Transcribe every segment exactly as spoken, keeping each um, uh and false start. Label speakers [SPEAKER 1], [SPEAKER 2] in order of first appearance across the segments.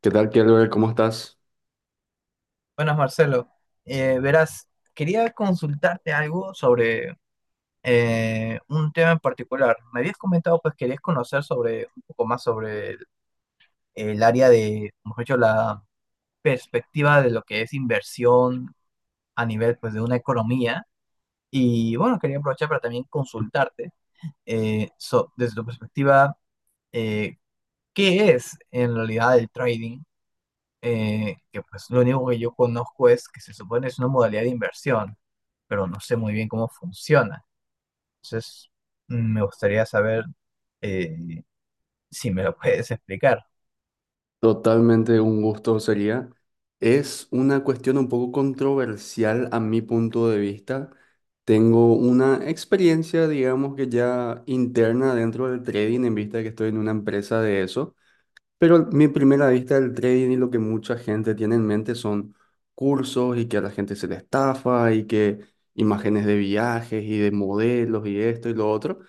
[SPEAKER 1] ¿Qué tal, Kelber? ¿Cómo estás?
[SPEAKER 2] Buenas, Marcelo. Eh, verás, quería consultarte algo sobre eh, un tema en particular. Me habías comentado, pues querías conocer sobre un poco más sobre el, el área de, mejor dicho, la perspectiva de lo que es inversión a nivel, pues, de una economía. Y bueno, quería aprovechar para también consultarte eh, so- desde tu perspectiva, eh, ¿qué es en realidad el trading? Eh, que pues lo único que yo conozco es que se supone es una modalidad de inversión, pero no sé muy bien cómo funciona. Entonces, mm, me gustaría saber eh, si me lo puedes explicar.
[SPEAKER 1] Totalmente un gusto sería. Es una cuestión un poco controversial a mi punto de vista. Tengo una experiencia, digamos que ya interna dentro del trading, en vista de que estoy en una empresa de eso. Pero mi primera vista del trading y lo que mucha gente tiene en mente son cursos y que a la gente se le estafa y que imágenes de viajes y de modelos y esto y lo otro.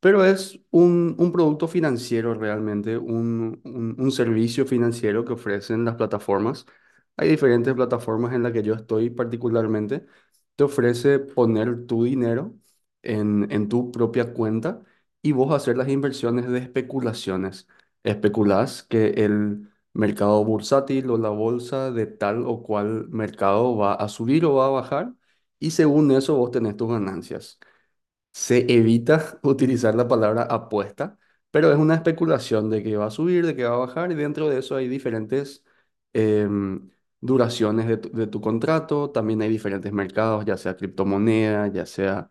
[SPEAKER 1] Pero es un, un producto financiero realmente, un, un- un servicio financiero que ofrecen las plataformas. Hay diferentes plataformas en las que yo estoy particularmente. Te ofrece poner tu dinero en, en tu propia cuenta y vos hacer las inversiones de especulaciones. Especulás que el mercado bursátil o la bolsa de tal o cual mercado va a subir o va a bajar y según eso vos tenés tus ganancias. Se evita utilizar la palabra apuesta, pero es una especulación de que va a subir, de que va a bajar, y dentro de eso hay diferentes em, duraciones de tu, de tu contrato, también hay diferentes mercados, ya sea criptomoneda, ya sea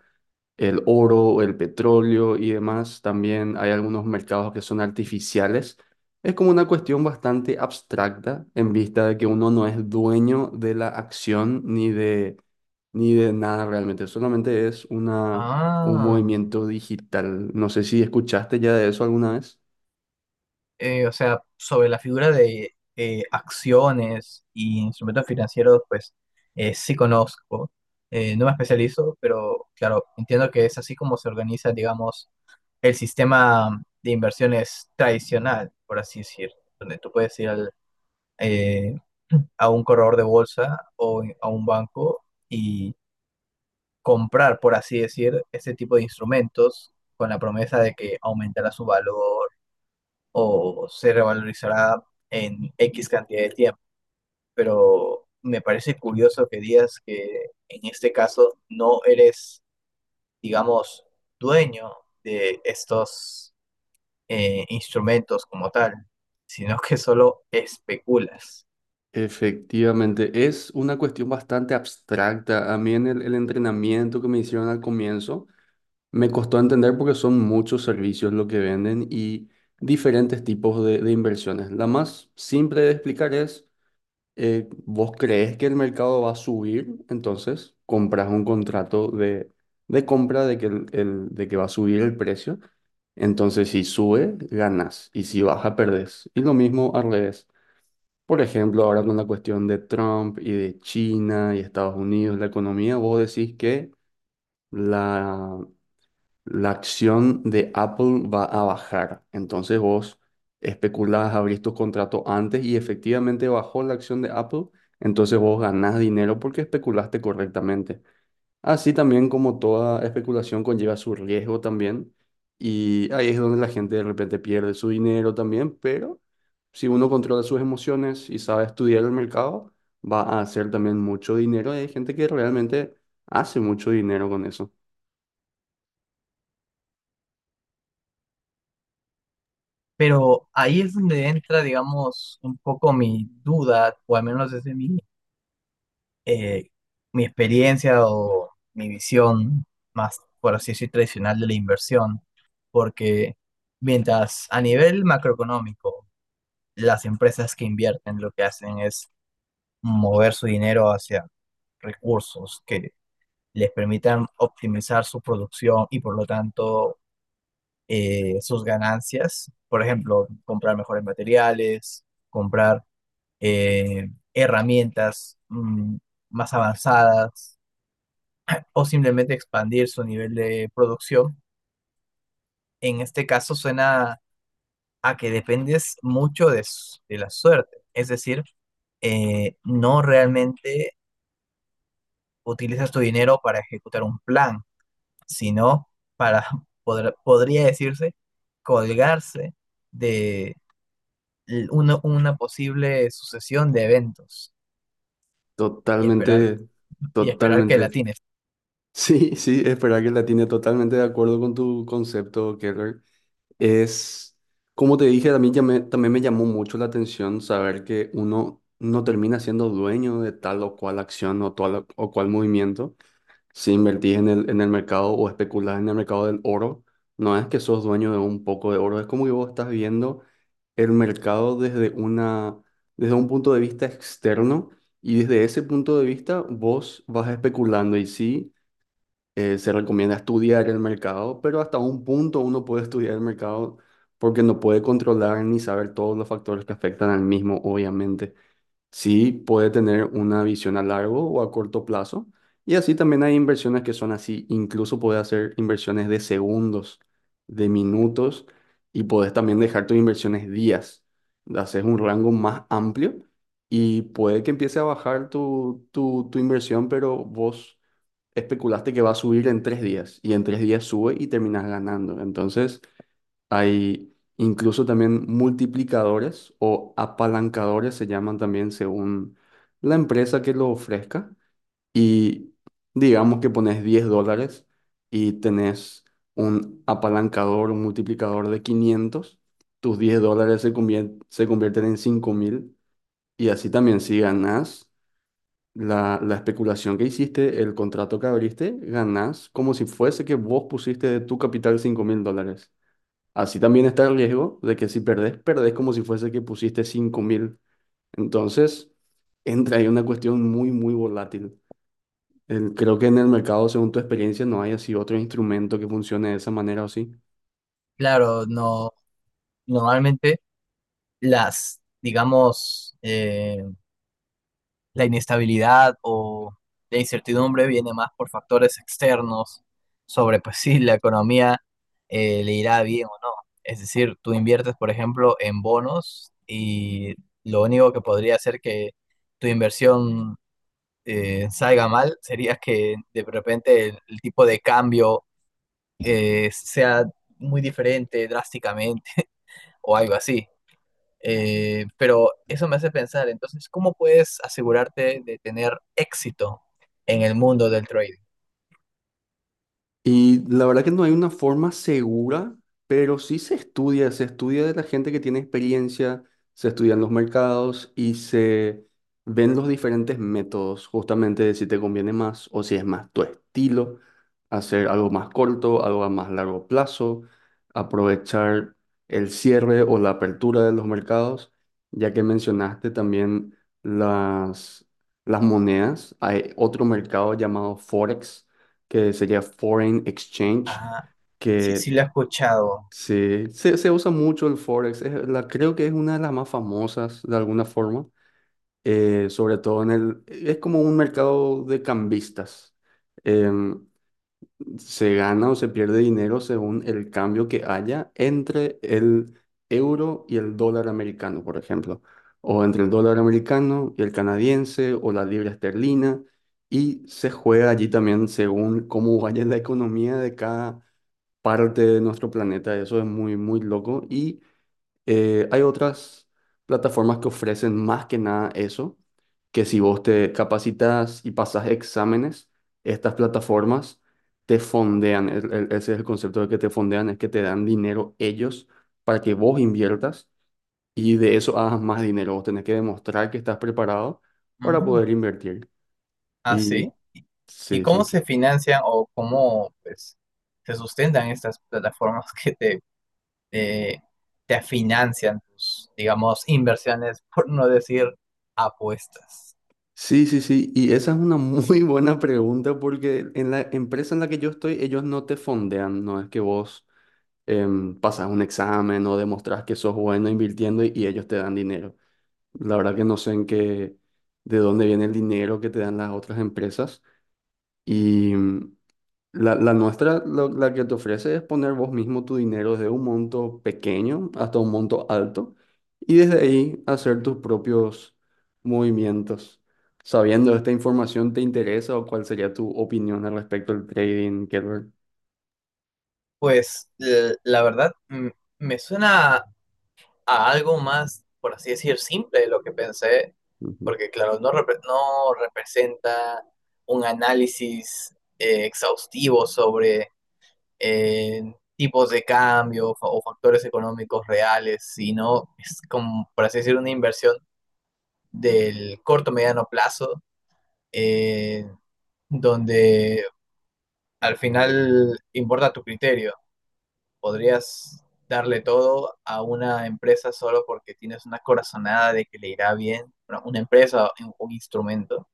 [SPEAKER 1] el oro, el petróleo y demás. También hay algunos mercados que son artificiales. Es como una cuestión bastante abstracta en vista de que uno no es dueño de la acción ni de, ni de nada realmente. Solamente es una, un
[SPEAKER 2] Ah,
[SPEAKER 1] movimiento digital. No sé si escuchaste ya de eso alguna vez.
[SPEAKER 2] eh, o sea, sobre la figura de eh, acciones y instrumentos financieros, pues eh, sí conozco. Eh, no me especializo, pero claro, entiendo que es así como se organiza, digamos, el sistema de inversiones tradicional, por así decir, donde tú puedes ir al eh, a un corredor de bolsa o a un banco y comprar, por así decir, ese tipo de instrumentos con la promesa de que aumentará su valor o se revalorizará en X cantidad de tiempo. Pero me parece curioso que digas que en este caso no eres, digamos, dueño de estos eh, instrumentos como tal, sino que solo especulas.
[SPEAKER 1] Efectivamente, es una cuestión bastante abstracta. A mí en el, el entrenamiento que me hicieron al comienzo, me costó entender porque son muchos servicios lo que venden y diferentes tipos de, de inversiones. La más simple de explicar es, eh, vos crees que el mercado va a subir, entonces compras un contrato de, de compra de que, el, el- de que va a subir el precio. Entonces si sube, ganas y si baja, perdés. Y lo mismo al revés. Por ejemplo, ahora con la cuestión de Trump y de China y Estados Unidos, la economía, vos decís que. La la acción de Apple va a bajar. Entonces vos especulás, abrís tus contratos antes y efectivamente bajó la acción de Apple. Entonces vos ganás dinero porque especulaste correctamente. Así también como toda especulación conlleva su riesgo también. Y ahí es donde la gente de repente pierde su dinero también. Pero si uno controla sus emociones y sabe estudiar el mercado, va a hacer también mucho dinero. Hay gente que realmente hace mucho dinero con eso.
[SPEAKER 2] Pero ahí es donde entra, digamos, un poco mi duda, o al menos desde mi, eh, mi experiencia o mi visión más, por así decir, tradicional de la inversión, porque mientras a nivel macroeconómico, las empresas que invierten lo que hacen es mover su dinero hacia recursos que les permitan optimizar su producción y por lo tanto eh, sus ganancias, por ejemplo, comprar mejores materiales, comprar eh, herramientas mm, más avanzadas o simplemente expandir su nivel de producción. En este caso suena a que dependes mucho de, s- de la suerte, es decir, eh, no realmente utilizas tu dinero para ejecutar un plan, sino para, podr- podría decirse, colgarse de l- una, una posible sucesión de eventos y esperar,
[SPEAKER 1] Totalmente,
[SPEAKER 2] y esperar que la
[SPEAKER 1] totalmente.
[SPEAKER 2] atines.
[SPEAKER 1] Sí, sí, espera que la tiene totalmente de acuerdo con tu concepto, Keller. Es, como te dije, a mí ya me- también me llamó mucho la atención saber que uno no termina siendo dueño de tal o cual acción o tal o cual movimiento. Si invertís en el, en el mercado o especulás en el mercado del oro, no es que sos dueño de un poco de oro, es como que vos estás viendo el mercado desde una, desde un punto de vista externo y desde ese punto de vista vos vas especulando y sí, eh, se recomienda estudiar el mercado, pero hasta un punto uno puede estudiar el mercado porque no puede controlar ni saber todos los factores que afectan al mismo, obviamente. Sí, puede tener una visión a largo o a corto plazo. Y así también hay inversiones que son así. Incluso puedes hacer inversiones de segundos, de minutos, y puedes también dejar tus inversiones días. Haces un rango más amplio y puede que empiece a bajar tu, tu, tu inversión, pero vos especulaste que va a subir en tres días y en tres días sube y terminas ganando. Entonces. Hay incluso también multiplicadores o apalancadores, se llaman también según la empresa que lo ofrezca. Y digamos que pones diez dólares y tenés un apalancador, un multiplicador de quinientos tus diez dólares se convier- se convierten en cinco mil y así también si ganás la, la especulación que hiciste, el contrato que abriste, ganás como si fuese que vos pusiste de tu capital cinco mil dólares. Así también está el riesgo de que si perdés, perdés como si fuese que pusiste cinco mil. Entonces, entra ahí una cuestión muy, muy volátil. El- creo que en el mercado, según tu experiencia, no hay así otro instrumento que funcione de esa manera o sí.
[SPEAKER 2] Claro, no, normalmente las, digamos, eh, la inestabilidad o la incertidumbre viene más por factores externos sobre, pues si la economía eh, le irá bien o no. Es decir, tú inviertes, por ejemplo, en bonos y lo único que podría hacer que tu inversión eh, salga mal sería que de repente el, el tipo de cambio eh, sea muy diferente drásticamente o algo así. Eh, pero eso me hace pensar, entonces, ¿cómo puedes asegurarte de tener éxito en el mundo del trading?
[SPEAKER 1] Y la verdad que no hay una forma segura, pero sí se estudia, se estudia de la gente que tiene experiencia, se estudian los mercados y se ven los diferentes métodos, justamente de si te conviene más o si es más tu estilo, hacer algo más corto, algo a más largo plazo, aprovechar el cierre o la apertura de los mercados, ya que mencionaste también las, las monedas, hay otro mercado llamado Forex que sería Foreign Exchange,
[SPEAKER 2] Ah, sí,
[SPEAKER 1] que
[SPEAKER 2] sí lo he escuchado.
[SPEAKER 1] se, se, se usa mucho el Forex. Es la, creo que es una de las más famosas de alguna forma, eh, sobre todo en el. Es como un mercado de cambistas. Em, Se gana o se pierde dinero según el cambio que haya entre el euro y el dólar americano, por ejemplo, o entre el dólar americano y el canadiense o la libra esterlina, y se juega allí también según cómo vaya la economía de cada parte de nuestro planeta. Eso es muy, muy loco. Y eh, hay otras plataformas que ofrecen más que nada eso que si vos te capacitas y pasas exámenes, estas plataformas te fondean. El- el- ese es el concepto de que te fondean, es que te dan dinero ellos para que vos inviertas y de eso hagas más dinero. Vos tenés que demostrar que estás preparado para
[SPEAKER 2] Mm.
[SPEAKER 1] poder invertir.
[SPEAKER 2] Ah,
[SPEAKER 1] Y
[SPEAKER 2] sí. ¿Y y
[SPEAKER 1] sí, sí,
[SPEAKER 2] cómo
[SPEAKER 1] sí.
[SPEAKER 2] se financian o cómo pues, se sustentan estas plataformas que te, te, te financian tus, digamos, inversiones, por no decir apuestas?
[SPEAKER 1] Sí, sí, sí. Y esa es una muy buena pregunta porque en la empresa en la que yo estoy, ellos no te fondean, no es que vos. Em, pasas un examen o demostras que sos bueno invirtiendo y y ellos te dan dinero. La verdad que no sé en qué, de dónde viene el dinero que te dan las otras empresas. Y mm, la, la nuestra, lo- la que te ofrece es poner vos mismo tu dinero desde un monto pequeño hasta un monto alto y desde ahí hacer tus propios movimientos. Sabiendo esta información, ¿te interesa o cuál sería tu opinión al respecto del trading, Kelber?
[SPEAKER 2] Pues l- la verdad, mm, me suena a algo más, por así decir, simple de lo que pensé,
[SPEAKER 1] Ujú.
[SPEAKER 2] porque claro, no, repre- no representa un análisis eh, exhaustivo sobre eh, tipos de cambio fa- o factores económicos reales, sino es como, por así decir, una inversión del corto mediano plazo, eh, donde al final importa tu criterio, podrías darle todo a una empresa solo porque tienes una corazonada de que le irá bien, bueno, una empresa, un, un instrumento.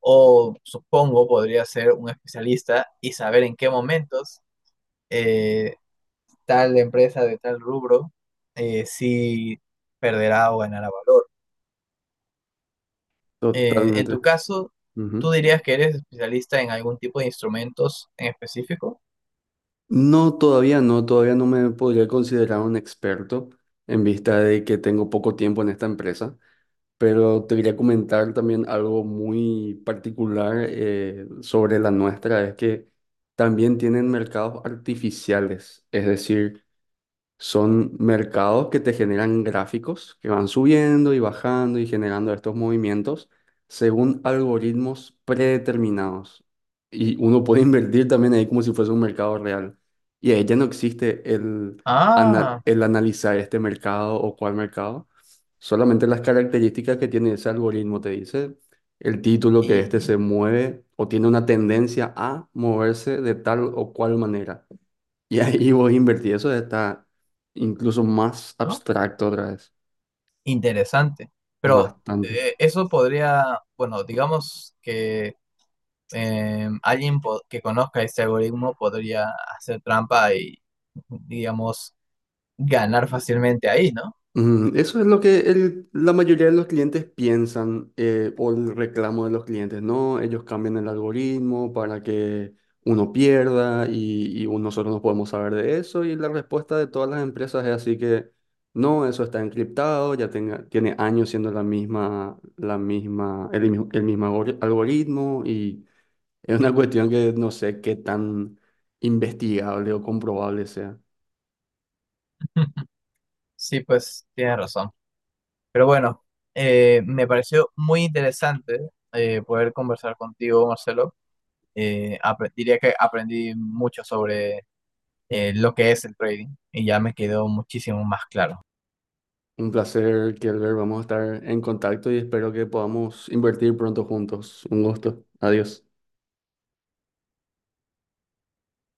[SPEAKER 2] O supongo podría ser un especialista y saber en qué momentos eh, tal empresa de tal rubro eh, si perderá o ganará valor. Eh, en
[SPEAKER 1] Totalmente.
[SPEAKER 2] tu caso, ¿tú
[SPEAKER 1] Ujú.
[SPEAKER 2] dirías que eres especialista en algún tipo de instrumentos en específico?
[SPEAKER 1] No, todavía no, todavía no me podría considerar un experto en vista de que tengo poco tiempo en esta empresa, pero te quería comentar también algo muy particular eh, sobre la nuestra, es que también tienen mercados artificiales, es decir, son mercados que te generan gráficos que van subiendo y bajando y generando estos movimientos según algoritmos predeterminados. Y uno puede invertir también ahí como si fuese un mercado real. Y ahí ya no existe el, ana-
[SPEAKER 2] Ah,
[SPEAKER 1] el analizar este mercado o cuál mercado. Solamente las características que tiene ese algoritmo te dice el título que este se
[SPEAKER 2] y...
[SPEAKER 1] mueve o tiene una tendencia a moverse de tal o cual manera. Y ahí vos invertí. Eso está incluso más
[SPEAKER 2] ¿no?
[SPEAKER 1] abstracto otra vez.
[SPEAKER 2] Interesante. Pero
[SPEAKER 1] Bastante.
[SPEAKER 2] eh, eso podría, bueno, digamos que eh, alguien po- que conozca este algoritmo podría hacer trampa y, digamos, ganar fácilmente ahí, ¿no?
[SPEAKER 1] Mm, eso es lo que el- la mayoría de los clientes piensan eh, o el reclamo de los clientes, ¿no? Ellos cambian el algoritmo para que uno pierda y, y un- nosotros no podemos saber de eso y la respuesta de todas las empresas es así que no, eso está encriptado, ya tenga, tiene años siendo la misma, la misma, el, mismo- el mismo algori- algoritmo y es una cuestión que no sé qué tan investigable o comprobable sea.
[SPEAKER 2] Sí, pues tienes razón. Pero bueno, eh, me pareció muy interesante eh, poder conversar contigo, Marcelo. Eh, apre- diría que aprendí mucho sobre eh, lo que es el trading y ya me quedó muchísimo más claro.
[SPEAKER 1] Un placer, Kelber. Vamos a estar en contacto y espero que podamos invertir pronto juntos. Un gusto. Adiós.